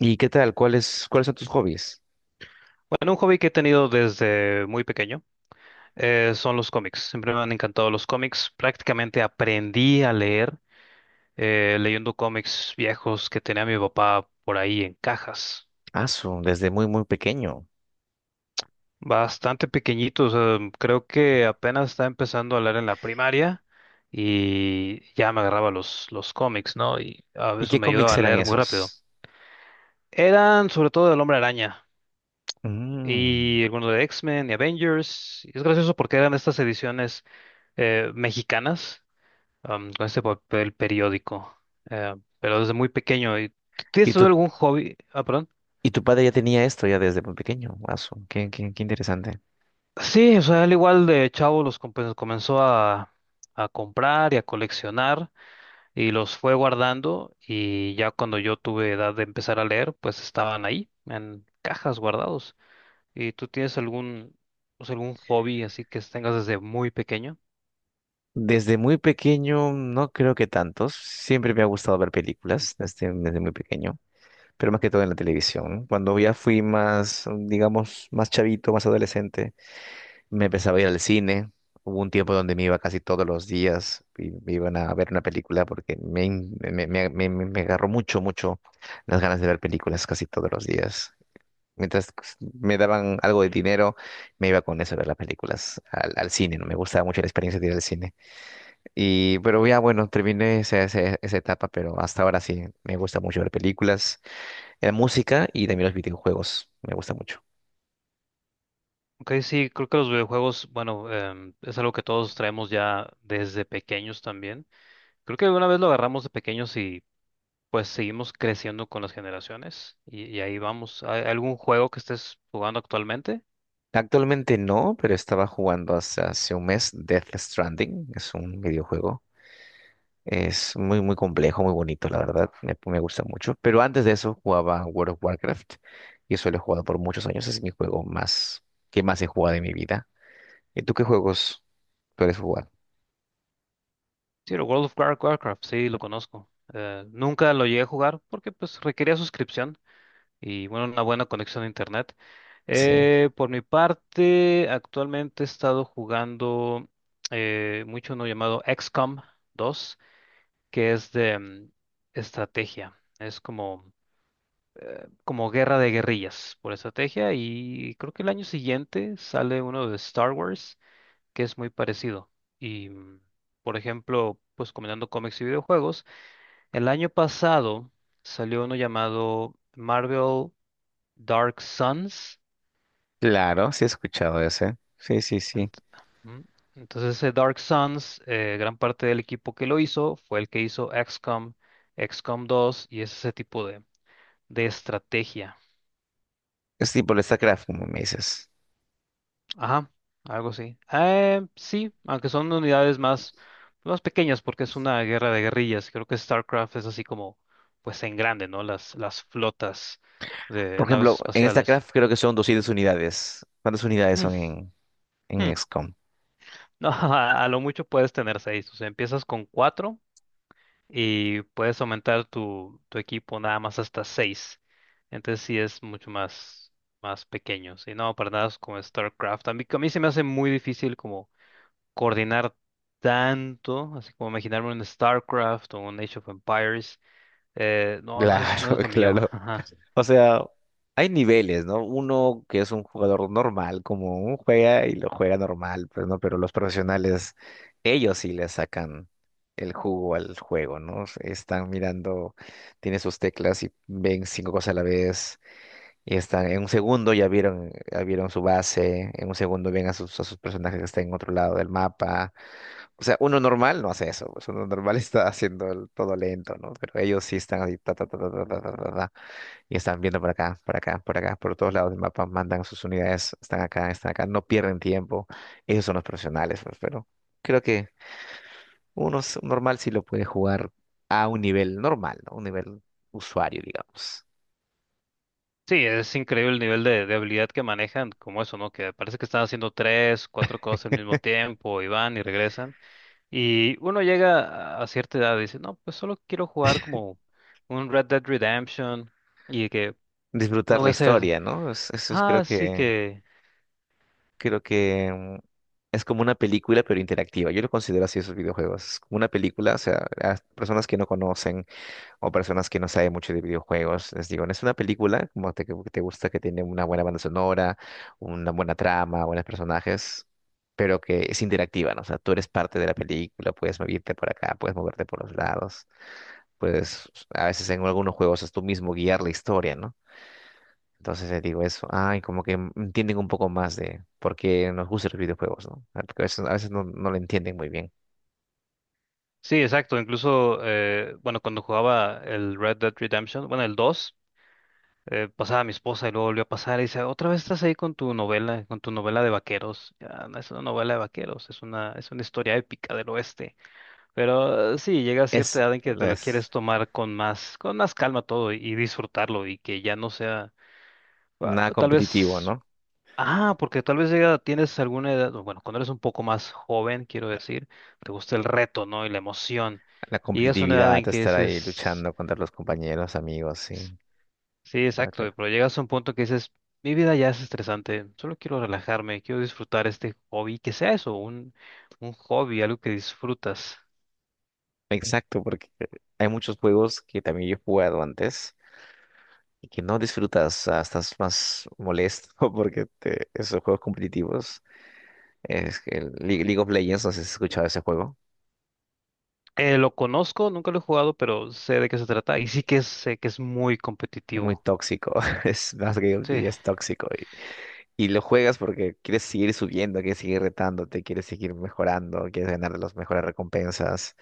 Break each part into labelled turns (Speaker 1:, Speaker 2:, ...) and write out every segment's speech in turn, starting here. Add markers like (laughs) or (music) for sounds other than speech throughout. Speaker 1: ¿Y qué tal? ¿Cuáles son tus hobbies?
Speaker 2: Bueno, un hobby que he tenido desde muy pequeño son los cómics. Siempre me han encantado los cómics. Prácticamente aprendí a leer leyendo cómics viejos que tenía mi papá por ahí en cajas.
Speaker 1: Desde muy, muy pequeño.
Speaker 2: Bastante pequeñitos. Creo que apenas estaba empezando a leer en la primaria y ya me agarraba los cómics, ¿no? Y a
Speaker 1: ¿Y
Speaker 2: veces
Speaker 1: qué
Speaker 2: me ayudaba
Speaker 1: cómics
Speaker 2: a
Speaker 1: eran
Speaker 2: leer muy rápido.
Speaker 1: esos?
Speaker 2: Eran sobre todo del Hombre Araña
Speaker 1: Mm.
Speaker 2: y algunos de X-Men y Avengers. Y es gracioso porque eran estas ediciones mexicanas, con este papel periódico, eh, pero desde muy pequeño. ¿Y tú Tienes
Speaker 1: ¿Y
Speaker 2: tú
Speaker 1: tu,
Speaker 2: algún hobby? Ah, perdón.
Speaker 1: ¿Y tu padre ya tenía esto ya desde muy pequeño? Qué interesante.
Speaker 2: Sí, o sea, al igual de chavo pues, comenzó a comprar y a coleccionar y los fue guardando, y ya cuando yo tuve edad de empezar a leer, pues estaban ahí en cajas guardados. ¿Y tú tienes o sea, algún hobby así que tengas desde muy pequeño?
Speaker 1: Desde muy pequeño, no creo que tantos. Siempre me ha gustado ver películas desde muy pequeño, pero más que todo en la televisión. Cuando ya fui más, digamos, más chavito, más adolescente. Me empezaba a ir al cine. Hubo un tiempo donde me iba casi todos los días y me iban a ver una película porque me, in- me, me- me- me- me agarró mucho, mucho las ganas de ver películas casi todos los días. Mientras me daban algo de dinero, me iba con eso a ver las películas al cine, ¿no? Me gustaba mucho la experiencia de ir al cine. Pero terminé esa etapa, pero hasta ahora sí, me gusta mucho ver películas, la música y también los videojuegos, me gusta mucho.
Speaker 2: Ok, sí, creo que los videojuegos, bueno, es algo que todos traemos ya desde pequeños también. Creo que alguna vez lo agarramos de pequeños y pues seguimos creciendo con las generaciones y ahí vamos. ¿Hay algún juego que estés jugando actualmente?
Speaker 1: Actualmente no, pero estaba jugando hace un mes Death Stranding. Es un videojuego. Es muy, muy complejo, muy bonito, la verdad. Me gusta mucho. Pero antes de eso jugaba World of Warcraft. Y eso lo he jugado por muchos años. Es mi juego más que más he jugado en mi vida. ¿Y tú qué juegos sueles jugar?
Speaker 2: Sí, el Warcraft, sí, lo conozco. Nunca lo llegué a jugar porque pues requería suscripción y bueno, una buena conexión a internet.
Speaker 1: Sí.
Speaker 2: Por mi parte, actualmente he estado jugando mucho uno llamado XCOM 2, que es de estrategia. Es como guerra de guerrillas por estrategia, y creo que el año siguiente sale uno de Star Wars que es muy parecido. Y, por ejemplo, pues combinando cómics y videojuegos, el año pasado salió uno llamado Marvel Dark Suns.
Speaker 1: Claro, sí he escuchado ese. Sí, sí, sí.
Speaker 2: Ent- Ujú. Entonces, ese Dark Suns, gran parte del equipo que lo hizo fue el que hizo XCOM 2, y es ese tipo de estrategia.
Speaker 1: Es tipo el StarCraft, como me dices.
Speaker 2: Ajá, algo así. Sí, aunque son más pequeñas porque es una guerra de guerrillas. Creo que StarCraft es así pues en grande, ¿no? Las flotas de
Speaker 1: Por
Speaker 2: naves
Speaker 1: ejemplo, en
Speaker 2: espaciales.
Speaker 1: StarCraft creo que son 200 unidades. ¿Cuántas unidades
Speaker 2: Mm,
Speaker 1: son en
Speaker 2: mm.
Speaker 1: XCOM?
Speaker 2: No, (laughs) a lo mucho puedes tener seis. O sea, empiezas con cuatro y puedes aumentar tu equipo nada más hasta seis. Entonces sí es mucho más pequeño. Sí, no, para nada es como StarCraft. A mí se me hace muy difícil como coordinar tanto, así como imaginarme un StarCraft o un Age of Empires, no, no
Speaker 1: Claro,
Speaker 2: es lo
Speaker 1: (laughs)
Speaker 2: mío. (laughs)
Speaker 1: claro.
Speaker 2: Ajá.
Speaker 1: O sea, hay niveles, ¿no? Uno que es un jugador normal, como un juega y lo juega normal, pues, ¿no? Pero los profesionales, ellos sí le sacan el jugo al juego, ¿no? Están mirando, tienen sus teclas y ven cinco cosas a la vez. Y están, en un segundo ya vieron su base, en un segundo ven a a sus personajes que están en otro lado del mapa. O sea, uno normal no hace eso, pues uno normal (laughs) está haciendo todo lento, ¿no? Pero ellos sí están ahí, ta, ta, ta, ta, ta, ta, ta, ta, ta. Y están viendo por acá, por acá, por acá, por todos lados del mapa, mandan sus unidades, están acá, no pierden tiempo. Ellos son los profesionales, pues, pero creo que normal sí lo puede jugar a un nivel normal, ¿no? Un nivel usuario, digamos.
Speaker 2: Sí, es increíble el nivel de habilidad que manejan, como eso, ¿no? Que parece que están haciendo tres, cuatro cosas al mismo tiempo, y van y regresan. Y uno llega a cierta edad y dice, no, pues solo quiero jugar como un Red Dead Redemption y que no
Speaker 1: Disfrutar
Speaker 2: voy
Speaker 1: la
Speaker 2: a hacer
Speaker 1: historia, ¿no? Es- Eso es,
Speaker 2: ah,
Speaker 1: creo
Speaker 2: sí
Speaker 1: que,
Speaker 2: que...
Speaker 1: creo que mm, es como una película, pero interactiva. Yo lo considero así esos videojuegos. Es como una película, o sea, las personas que no conocen o personas que no saben mucho de videojuegos. Les digo, no es una película que te gusta, que tiene una buena banda sonora, una buena trama, buenos personajes, pero que es interactiva, ¿no? O sea, tú eres parte de la película, puedes moverte por acá, puedes moverte por los lados, puedes, a veces en algunos juegos es tú mismo guiar la historia, ¿no? Entonces les digo eso, ay, como que entienden un poco más de por qué nos gustan los videojuegos, ¿no? Ah, porque a veces, no lo entienden muy bien.
Speaker 2: Sí, exacto. Incluso, bueno, cuando jugaba el Red Dead Redemption, bueno, el dos, pasaba a mi esposa y luego volvió a pasar y dice, otra vez estás ahí con tu novela de vaqueros. Ya, no es una novela de vaqueros, es es una historia épica del oeste. Pero sí, llega a cierta
Speaker 1: Es,
Speaker 2: edad en que te lo quieres
Speaker 1: es
Speaker 2: tomar con con más calma todo y disfrutarlo, y que ya no sea, ah,
Speaker 1: nada
Speaker 2: tal
Speaker 1: competitivo,
Speaker 2: vez,
Speaker 1: ¿no?
Speaker 2: porque tal vez llega, tienes alguna edad, o bueno, cuando eres un poco más joven, quiero decir, te gusta el reto, ¿no? Y la emoción.
Speaker 1: La
Speaker 2: Y llegas a una edad
Speaker 1: competitividad,
Speaker 2: en que
Speaker 1: estar
Speaker 2: ese
Speaker 1: ahí
Speaker 2: es...
Speaker 1: luchando contra los compañeros, amigos, sí.
Speaker 2: Sí,
Speaker 1: Claro,
Speaker 2: exacto,
Speaker 1: claro.
Speaker 2: pero llegas a un punto que dices, mi vida ya es estresante, solo quiero relajarme, quiero disfrutar este hobby, que sea eso, un hobby, algo que disfrutas.
Speaker 1: Exacto, porque hay muchos juegos que también yo he jugado antes y que no disfrutas, ah, estás más molesto (laughs) esos juegos competitivos, es que League of Legends, no sé si has escuchado ese juego,
Speaker 2: Lo conozco, nunca lo he jugado, pero sé de qué se trata, y sí sé que es muy
Speaker 1: muy
Speaker 2: competitivo.
Speaker 1: tóxico, (laughs) es más que
Speaker 2: Sí,
Speaker 1: ya es tóxico, y lo juegas porque quieres seguir subiendo, quieres seguir retándote, quieres seguir mejorando, quieres ganar las mejores recompensas.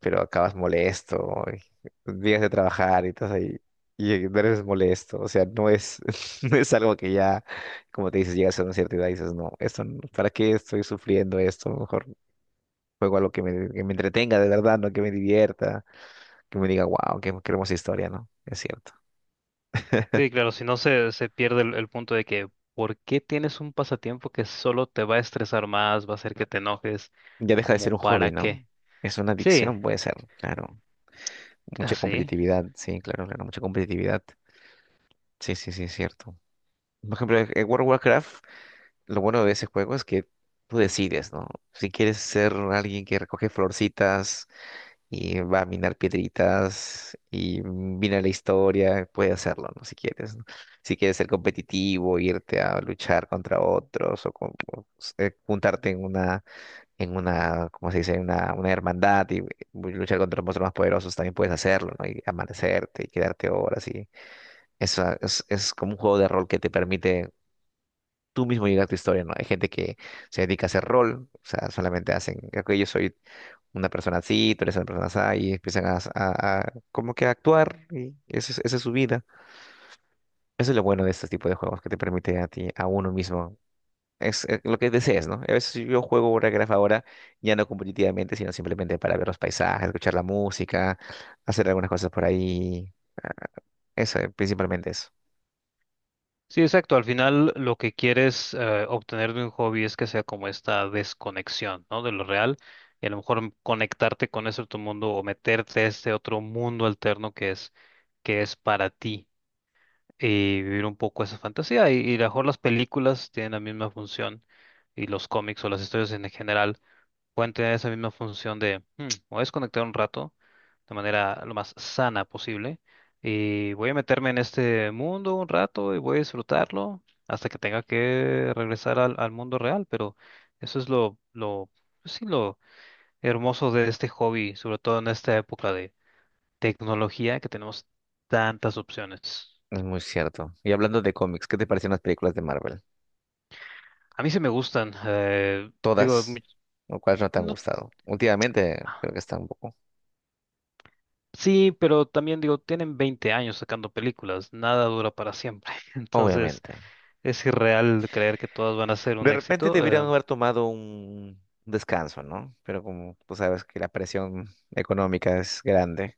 Speaker 1: Pero acabas molesto, y vienes de trabajar y estás ahí, y eres molesto, o sea, no es, (laughs) no es algo que ya, como te dices, llegas a una cierta edad y dices, no, esto, no- ¿para qué estoy sufriendo esto? Mejor juego algo que que me entretenga de verdad, no que me divierta, que me diga, wow, qué, qué hermosa historia, ¿no? Es cierto.
Speaker 2: sí, claro, si no se pierde el punto de que, ¿por qué tienes un pasatiempo que solo te va a estresar más, va a hacer que te enojes?
Speaker 1: Ya deja de
Speaker 2: ¿Como
Speaker 1: ser un hobby,
Speaker 2: para
Speaker 1: ¿no?
Speaker 2: qué?
Speaker 1: Es una
Speaker 2: Sí,
Speaker 1: adicción, puede ser, claro. Mucha
Speaker 2: así.
Speaker 1: competitividad, sí, claro, claro, mucha competitividad. Sí, sí, sí, es cierto. Por ejemplo, en World of Warcraft lo bueno de ese juego es que tú decides, ¿no? Si quieres ser alguien que recoge florcitas y va a minar piedritas y mina la historia, puedes hacerlo, ¿no? Si quieres, ¿no? Si quieres ser competitivo, irte a luchar contra otros o juntarte en una, ¿cómo se dice? Una hermandad y luchar contra los monstruos más poderosos, también puedes hacerlo, ¿no? Y amanecerte y quedarte horas y eso es como un juego de rol que te permite tú mismo llegas a tu historia, ¿no? Hay gente que se dedica a hacer rol, o sea, solamente hacen, creo que yo soy una persona así, tú eres una persona así, y empiezan a como que a actuar, y esa es su vida. Eso es lo bueno de este tipo de juegos, que te permite a ti, a uno mismo, es lo que desees, ¿no? A veces si yo juego Warcraft ahora, ya no competitivamente, sino simplemente para ver los paisajes, escuchar la música, hacer algunas cosas por ahí, eso, principalmente eso.
Speaker 2: Sí, exacto. Al final lo que quieres, obtener de un hobby, es que sea como esta desconexión, ¿no? De lo real, y a lo mejor conectarte con ese otro mundo o meterte a este otro mundo alterno que es para ti y vivir un poco esa fantasía. Y a lo mejor las películas tienen la misma función, y los cómics o las historias en general pueden tener esa misma función de, "Hmm, voy a desconectar un rato de manera lo más sana posible y voy a meterme en este mundo un rato y voy a disfrutarlo hasta que tenga que regresar al mundo real, pero eso es pues sí, lo hermoso de este hobby, sobre todo en esta época de tecnología, que tenemos tantas opciones".
Speaker 1: Es muy cierto. Y hablando de cómics, ¿qué te parecen las películas de Marvel?
Speaker 2: A mí sí me gustan, digo, mi-
Speaker 1: Todas, lo cual no te han
Speaker 2: no-
Speaker 1: gustado. Últimamente creo que están un poco,
Speaker 2: sí, pero también digo, tienen 20 años sacando películas, nada dura para siempre. (laughs) Entonces,
Speaker 1: obviamente.
Speaker 2: es irreal creer que todas van a ser un
Speaker 1: De repente
Speaker 2: éxito.
Speaker 1: deberían haber tomado un descanso, ¿no? Pero como tú sabes que la presión económica es grande,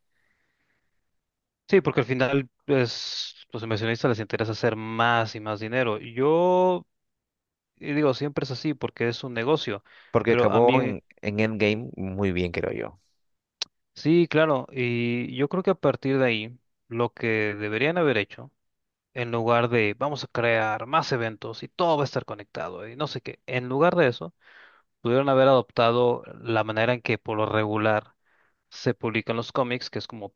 Speaker 2: Sí, porque al final es, los inversionistas les interesa hacer más y más dinero. Yo y digo, siempre es así porque es un negocio,
Speaker 1: porque
Speaker 2: pero a
Speaker 1: acabó
Speaker 2: mí,
Speaker 1: en Endgame muy bien, creo yo.
Speaker 2: sí, claro, y yo creo que a partir de ahí, lo que deberían haber hecho, en lugar de vamos a crear más eventos y todo va a estar conectado y no sé qué, en lugar de eso pudieron haber adoptado la manera en que por lo regular se publican los cómics, que es como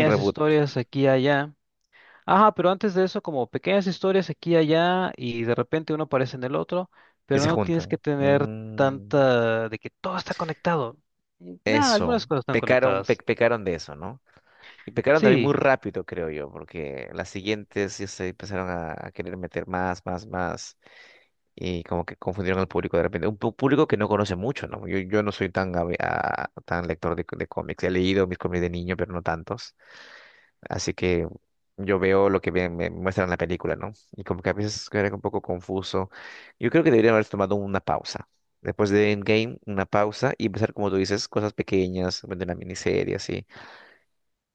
Speaker 1: Un reboot
Speaker 2: historias aquí y allá. Ajá, pero antes de eso, como pequeñas historias aquí y allá, y de repente uno aparece en el otro,
Speaker 1: y
Speaker 2: pero
Speaker 1: se
Speaker 2: no tienes que
Speaker 1: juntan.
Speaker 2: tener
Speaker 1: Mm.
Speaker 2: tanta de que todo está conectado. Nada,
Speaker 1: Eso,
Speaker 2: algunas cosas están conectadas.
Speaker 1: pecaron de eso, ¿no? Y pecaron también muy
Speaker 2: Sí.
Speaker 1: rápido, creo yo, porque las siguientes ya se empezaron a querer meter más, más, más, y como que confundieron al público de repente. Un público que no conoce mucho, ¿no? Yo no soy tan, tan lector de cómics. He leído mis cómics de niño, pero no tantos. Así que yo veo lo que me muestran en la película, ¿no? Y como que a veces era un poco confuso. Yo creo que debería haber tomado una pausa. Después de Endgame, una pausa y empezar, como tú dices, cosas pequeñas, bueno, de una miniserie, así.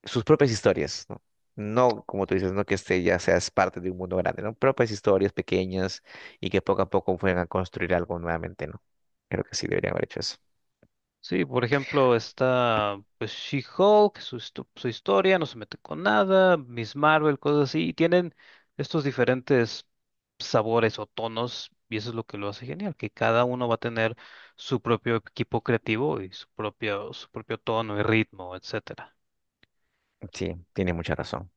Speaker 1: Sus propias historias, ¿no? No, como tú dices, no que este ya seas parte de un mundo grande, ¿no? Propias historias pequeñas y que poco a poco fueran a construir algo nuevamente, ¿no? Creo que sí deberían haber hecho eso.
Speaker 2: Sí, por ejemplo, está pues She-Hulk, su historia, no se mete con nada, Miss Marvel, cosas así, y tienen estos diferentes sabores o tonos, y eso es lo que lo hace genial, que cada uno va a tener su propio equipo creativo y su propio tono y ritmo, etcétera.
Speaker 1: Sí, tiene mucha razón.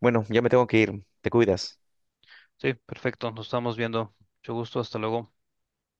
Speaker 1: Bueno, ya me tengo que ir. Te cuidas.
Speaker 2: Sí, perfecto, nos estamos viendo. Mucho gusto, hasta luego.